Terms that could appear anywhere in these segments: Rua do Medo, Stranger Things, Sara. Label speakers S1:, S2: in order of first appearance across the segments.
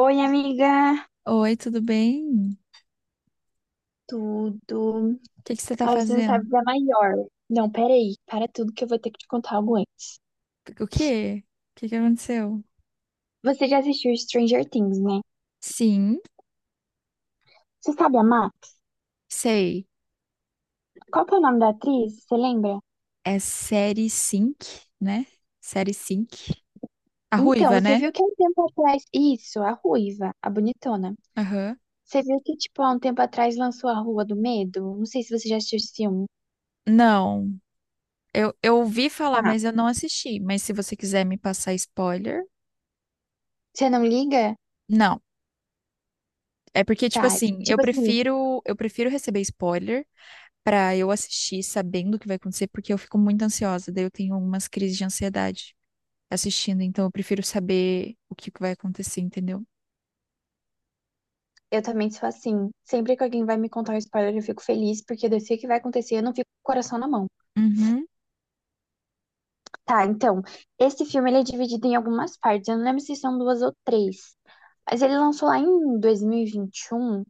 S1: Oi, amiga.
S2: Oi, tudo bem? O
S1: Tudo.
S2: que que você tá
S1: Ah, você não
S2: fazendo?
S1: sabe da maior. Não, peraí. Para tudo que eu vou ter que te contar algo antes.
S2: O quê? O que que aconteceu?
S1: Você já assistiu Stranger Things, né?
S2: Sim,
S1: Você sabe a Max?
S2: sei.
S1: Qual que é o nome da atriz? Você lembra?
S2: É série cinco, né? Série cinco. A
S1: Então,
S2: ruiva,
S1: você
S2: né?
S1: viu que há um tempo atrás. Isso, a ruiva, a bonitona.
S2: Aham.
S1: Você viu que, tipo, há um tempo atrás lançou a Rua do Medo? Não sei se você já assistiu esse filme.
S2: Não, eu ouvi falar,
S1: Tá.
S2: mas eu não assisti. Mas se você quiser me passar spoiler,
S1: Você não liga?
S2: não. É porque, tipo
S1: Tá.
S2: assim, eu
S1: Tipo assim,
S2: prefiro, eu prefiro receber spoiler pra eu assistir sabendo o que vai acontecer, porque eu fico muito ansiosa, daí eu tenho algumas crises de ansiedade. Assistindo, então eu prefiro saber o que que vai acontecer, entendeu?
S1: eu também sou assim. Sempre que alguém vai me contar um spoiler, eu fico feliz, porque eu sei o que vai acontecer, eu não fico com o coração na mão.
S2: Uhum.
S1: Tá, então, esse filme ele é dividido em algumas partes. Eu não lembro se são duas ou três. Mas ele lançou lá em 2021. E vinte e um.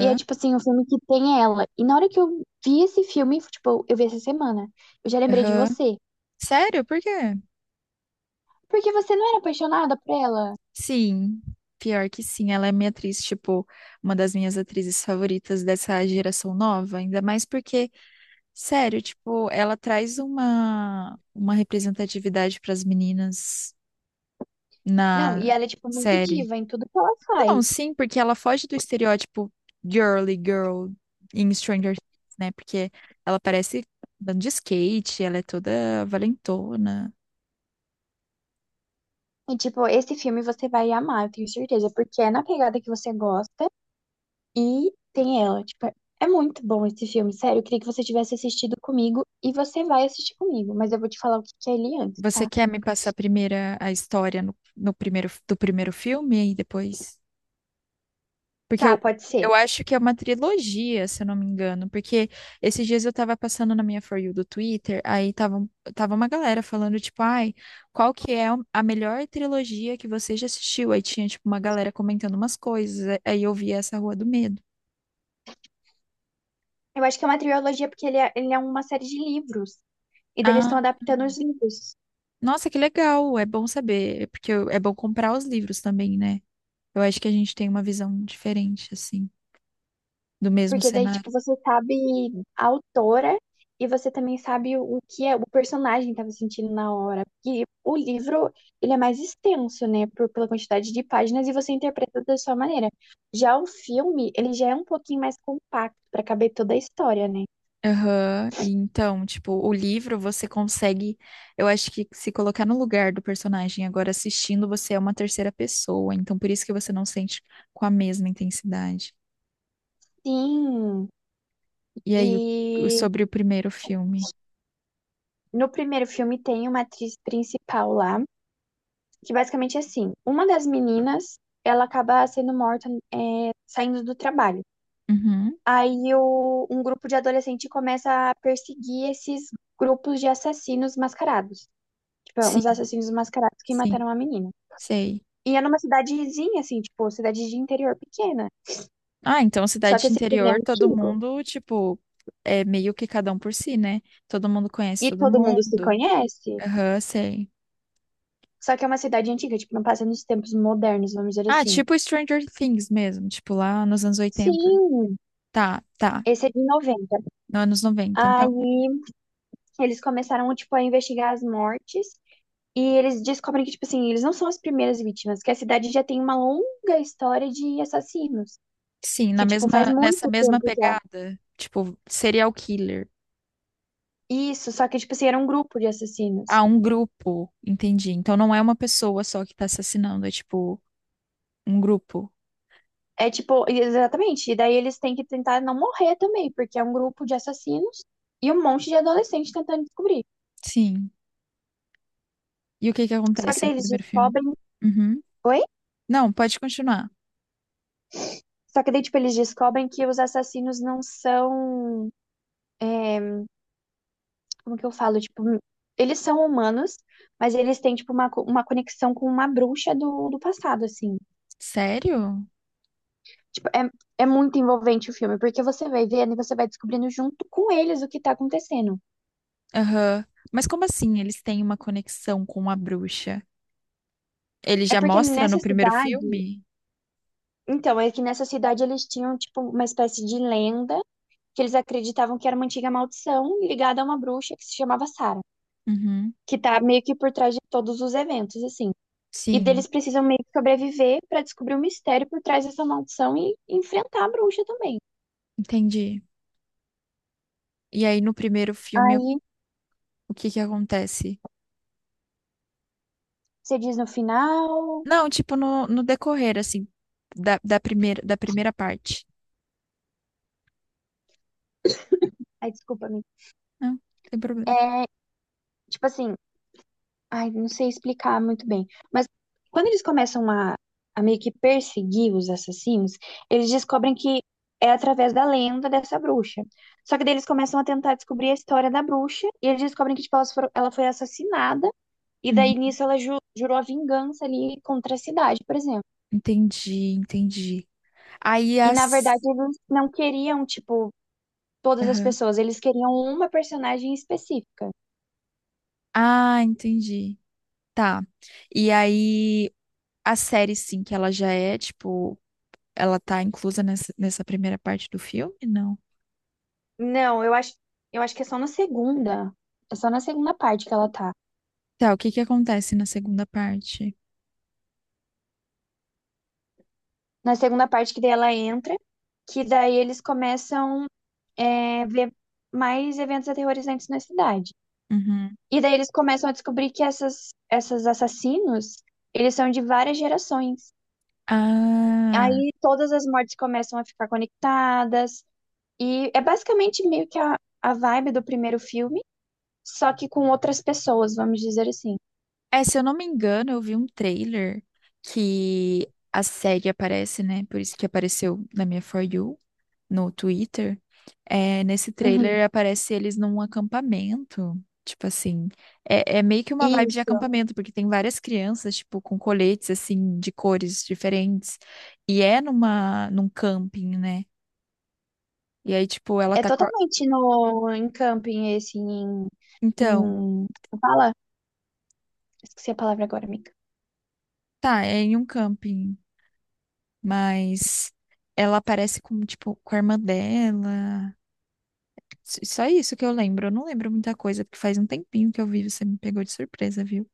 S1: E é tipo assim, um filme que tem ela. E na hora que eu vi esse filme, tipo, eu vi essa semana, eu já lembrei de
S2: aham.
S1: você.
S2: Sério? Por quê?
S1: Porque você não era apaixonada por ela?
S2: Sim, pior que sim. Ela é minha atriz, tipo, uma das minhas atrizes favoritas dessa geração nova. Ainda mais porque, sério, tipo, ela traz uma representatividade para as meninas
S1: Não, e
S2: na
S1: ela é, tipo, muito
S2: série.
S1: diva em tudo que ela
S2: Não,
S1: faz.
S2: sim, porque ela foge do estereótipo girly girl em Stranger Things, né? Porque ela parece andando de skate, ela é toda valentona.
S1: E, tipo, esse filme você vai amar, eu tenho certeza, porque é na pegada que você gosta. E tem ela. Tipo, é muito bom esse filme, sério. Eu queria que você tivesse assistido comigo e você vai assistir comigo, mas eu vou te falar o que que é ele antes,
S2: Você
S1: tá?
S2: quer me passar primeiro a história no, no primeiro, do primeiro filme e depois? Porque
S1: Tá,
S2: eu,
S1: pode ser.
S2: eu acho que é uma trilogia, se eu não me engano. Porque esses dias eu tava passando na minha For You do Twitter, aí tava uma galera falando, tipo, ai, qual que é a melhor trilogia que você já assistiu? Aí tinha, tipo, uma galera comentando umas coisas. Aí eu vi essa Rua do Medo.
S1: Eu acho que é uma trilogia porque ele é uma série de livros e daí eles estão
S2: Ah,
S1: adaptando os livros.
S2: nossa, que legal! É bom saber, porque eu- é bom comprar os livros também, né? Eu acho que a gente tem uma visão diferente, assim, do mesmo
S1: Porque daí,
S2: cenário.
S1: tipo, você sabe a autora e você também sabe o que é, o personagem estava sentindo na hora. Porque o livro, ele é mais extenso, né, por, pela quantidade de páginas e você interpreta da sua maneira. Já o filme, ele já é um pouquinho mais compacto para caber toda a história, né?
S2: Aham. E então, tipo, o livro você consegue, eu acho que se colocar no lugar do personagem. Agora assistindo, você é uma terceira pessoa, então por isso que você não sente com a mesma intensidade.
S1: Sim.
S2: E aí,
S1: E
S2: sobre o primeiro filme?
S1: no primeiro filme tem uma atriz principal lá, que basicamente é assim, uma das meninas, ela acaba sendo morta, é, saindo do trabalho.
S2: Uhum.
S1: Aí o- um grupo de adolescente começa a perseguir esses grupos de assassinos mascarados. Tipo, uns
S2: Sim,
S1: assassinos mascarados que
S2: sim,
S1: mataram uma menina.
S2: sei.
S1: E é numa cidadezinha, assim, tipo, cidade de interior pequena.
S2: Ah, então
S1: Só
S2: cidade
S1: que
S2: de
S1: esse filme é
S2: interior, todo
S1: antigo.
S2: mundo, tipo, é meio que cada um por si, né? Todo mundo
S1: E
S2: conhece todo
S1: todo mundo se
S2: mundo.
S1: conhece.
S2: Aham, sei.
S1: Só que é uma cidade antiga, tipo, não passa nos tempos modernos, vamos dizer
S2: Ah,
S1: assim.
S2: tipo Stranger Things mesmo, tipo lá nos anos oitenta.
S1: Sim,
S2: Tá, tá.
S1: esse é de 90.
S2: No anos noventa. Então,
S1: Aí eles começaram, tipo, a investigar as mortes. E eles descobrem que, tipo assim, eles não são as primeiras vítimas, que a cidade já tem uma longa história de assassinos.
S2: sim, na
S1: Que, tipo, faz
S2: mesma, nessa
S1: muito
S2: mesma
S1: tempo já.
S2: pegada, tipo, serial killer.
S1: Isso, só que, tipo assim, era um grupo de assassinos.
S2: Ah, um grupo, entendi. Então não é uma pessoa só que tá assassinando, é tipo um grupo.
S1: É tipo, exatamente. E daí eles têm que tentar não morrer também, porque é um grupo de assassinos e um monte de adolescentes tentando descobrir.
S2: Sim. E o que que
S1: Só que
S2: acontece
S1: daí
S2: no
S1: eles
S2: primeiro filme?
S1: descobrem.
S2: Uhum.
S1: Oi?
S2: Não, pode continuar.
S1: Só que daí, tipo, eles descobrem que os assassinos não são. É, como que eu falo? Tipo, eles são humanos, mas eles têm, tipo, uma, co- uma conexão com uma bruxa do passado, assim.
S2: Sério?
S1: Tipo, é muito envolvente o filme, porque você vai vendo e você vai descobrindo junto com eles o que tá acontecendo.
S2: Aham. Mas como assim eles têm uma conexão com a bruxa? Ele
S1: É
S2: já
S1: porque
S2: mostra no
S1: nessa
S2: primeiro
S1: cidade.
S2: filme?
S1: Então, é que nessa cidade eles tinham, tipo, uma espécie de lenda que eles acreditavam que era uma antiga maldição ligada a uma bruxa que se chamava Sara,
S2: Uhum.
S1: que tá meio que por trás de todos os eventos, assim. E
S2: Sim,
S1: deles precisam meio que sobreviver para descobrir o mistério por trás dessa maldição e enfrentar a bruxa também.
S2: entendi. E aí no primeiro filme,
S1: Aí
S2: o que que acontece?
S1: você diz no final.
S2: Não, tipo, no, no decorrer, assim, da primeira parte.
S1: Ai, desculpa-me.
S2: Não, não tem problema.
S1: É, tipo assim, ai, não sei explicar muito bem. Mas quando eles começam a meio que perseguir os assassinos, eles descobrem que é através da lenda dessa bruxa. Só que daí eles começam a tentar descobrir a história da bruxa e eles descobrem que tipo, elas foram- ela foi assassinada e daí
S2: Uhum.
S1: nisso ela ju- jurou a vingança ali contra a cidade, por exemplo.
S2: Entendi, entendi. Aí
S1: E na
S2: as.
S1: verdade eles não queriam, tipo, todas as
S2: Aham.
S1: pessoas, eles queriam uma personagem específica.
S2: Ah, entendi. Tá. E aí a série, sim, que ela já é, tipo, ela tá inclusa nessa primeira parte do filme? Não.
S1: Não, eu acho que é só na segunda. É só na segunda parte que ela tá.
S2: Tá, o que que acontece na segunda parte?
S1: Na segunda parte que daí ela entra, que daí eles começam é, ver mais eventos aterrorizantes na cidade.
S2: Uhum.
S1: E daí eles começam a descobrir que essas assassinos, eles são de várias gerações.
S2: Ah.
S1: Aí todas as mortes começam a ficar conectadas. E é basicamente meio que a vibe do primeiro filme só que com outras pessoas, vamos dizer assim.
S2: É, se eu não me engano, eu vi um trailer que a série aparece, né? Por isso que apareceu na minha For You, no Twitter. É, nesse
S1: Uhum.
S2: trailer aparece eles num acampamento. Tipo assim, é, meio que uma vibe de
S1: Isso.
S2: acampamento, porque tem várias crianças, tipo, com coletes, assim, de cores diferentes. E é numa, num camping, né? E aí, tipo,
S1: É totalmente no, em camping, esse, em,
S2: Então,
S1: em... Fala? Esqueci a palavra agora, amiga.
S2: tá, é em um camping, mas ela aparece com, tipo, com a irmã dela. Só isso que eu lembro. Eu não lembro muita coisa, porque faz um tempinho que eu vi, você me pegou de surpresa, viu?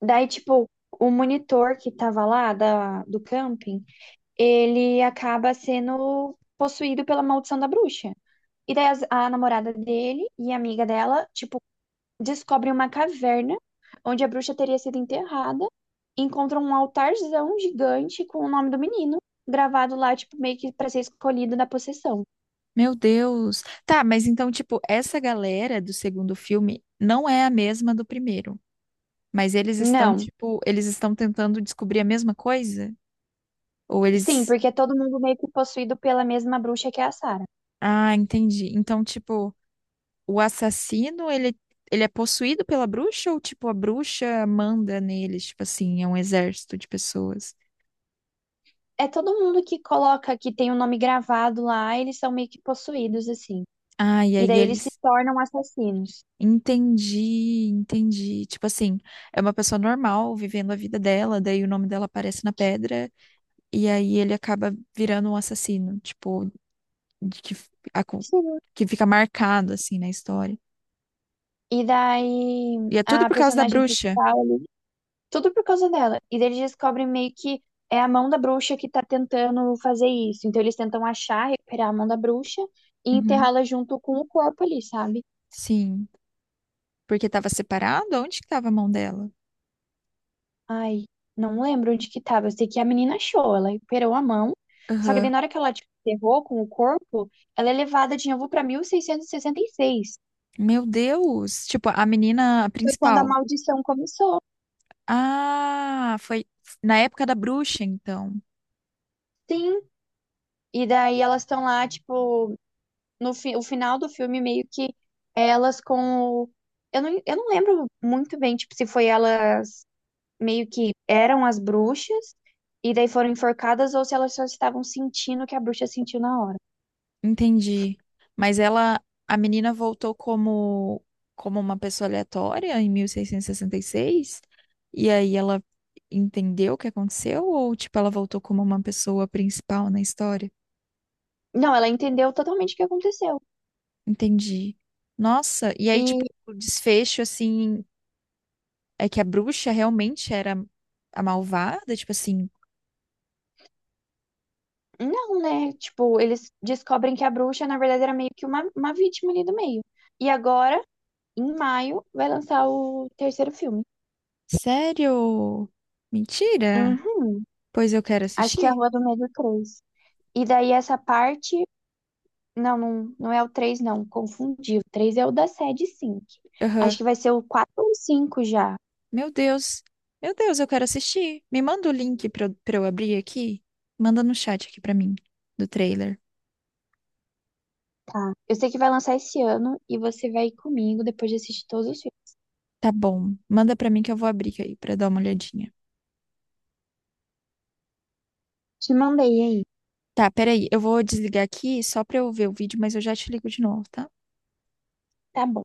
S1: Daí, tipo, o monitor que tava lá da, do camping, ele acaba sendo possuído pela maldição da bruxa. E daí as- a namorada dele e a amiga dela, tipo, descobrem uma caverna onde a bruxa teria sido enterrada, encontram um altarzão gigante com o nome do menino gravado lá, tipo, meio que para ser escolhido da possessão.
S2: Meu Deus. Tá, mas então, tipo, essa galera do segundo filme não é a mesma do primeiro. Mas eles estão,
S1: Não,
S2: tipo, eles estão tentando descobrir a mesma coisa? Ou
S1: sim,
S2: eles.
S1: porque é todo mundo meio que possuído pela mesma bruxa que é a Sarah.
S2: Ah, entendi. O assassino, ele é possuído pela bruxa ou, tipo, a bruxa manda neles? Tipo assim, é um exército de pessoas.
S1: É todo mundo que coloca que tem o nome gravado lá, eles são meio que possuídos, assim.
S2: Ah, e
S1: E
S2: aí
S1: daí eles se
S2: eles.
S1: tornam assassinos.
S2: Entendi, entendi. Tipo assim, é uma pessoa normal vivendo a vida dela, daí o nome dela aparece na pedra, e aí ele acaba virando um assassino, tipo, de que, f- a co-
S1: Sim.
S2: que fica marcado, assim, na história.
S1: E daí
S2: E é tudo
S1: a
S2: por causa da
S1: personagem
S2: bruxa.
S1: principal, tudo por causa dela. E daí eles descobrem meio que é a mão da bruxa que tá tentando fazer isso. Então eles tentam achar, recuperar a mão da bruxa e
S2: Uhum,
S1: enterrá-la junto com o corpo ali, sabe?
S2: sim. Porque tava separado? Onde que tava a mão dela?
S1: Ai, não lembro onde que tava. Eu sei que a menina achou, ela recuperou a mão. Só que daí
S2: Aham.
S1: na hora que ela tipo, enterrou com o corpo, ela é levada de novo pra 1666.
S2: Meu Deus! Tipo, a menina
S1: Foi quando a
S2: principal.
S1: maldição começou.
S2: Ah, foi na época da bruxa, então.
S1: Sim. E daí elas estão lá, tipo, no fi- o final do filme, meio que elas com o. Eu não lembro muito bem, tipo, se foi elas meio que eram as bruxas e daí foram enforcadas ou se elas só estavam sentindo o que a bruxa sentiu na hora.
S2: Entendi. Mas ela, a menina voltou como uma pessoa aleatória em 1666? E sessenta e seis? E aí ela entendeu o que aconteceu ou tipo ela voltou como uma pessoa principal na história?
S1: Não, ela entendeu totalmente o que aconteceu.
S2: Entendi. Nossa, e aí tipo
S1: E
S2: o desfecho assim é que a bruxa realmente era a malvada, tipo assim.
S1: não, né? Tipo, eles descobrem que a bruxa, na verdade, era meio que uma vítima ali do meio. E agora, em maio, vai lançar o terceiro filme.
S2: Sério? Mentira?
S1: Uhum.
S2: Pois eu quero
S1: Acho que é a
S2: assistir?
S1: Rua do Medo três. E daí essa parte não é o 3 não. Confundi. O 3 é o da sede 5. Acho
S2: Aham.
S1: que vai ser o 4 ou o 5 já.
S2: Meu Deus. Meu Deus, eu quero assistir. Me manda o link pra eu abrir aqui. Manda no chat aqui pra mim, do trailer.
S1: Tá. Eu sei que vai lançar esse ano e você vai ir comigo depois de assistir todos os filmes.
S2: Tá bom. Manda pra mim que eu vou abrir aí pra dar uma olhadinha.
S1: Te mandei aí.
S2: Tá, peraí. Eu vou desligar aqui só pra eu ver o vídeo, mas eu já te ligo de novo, tá?
S1: Tá bom.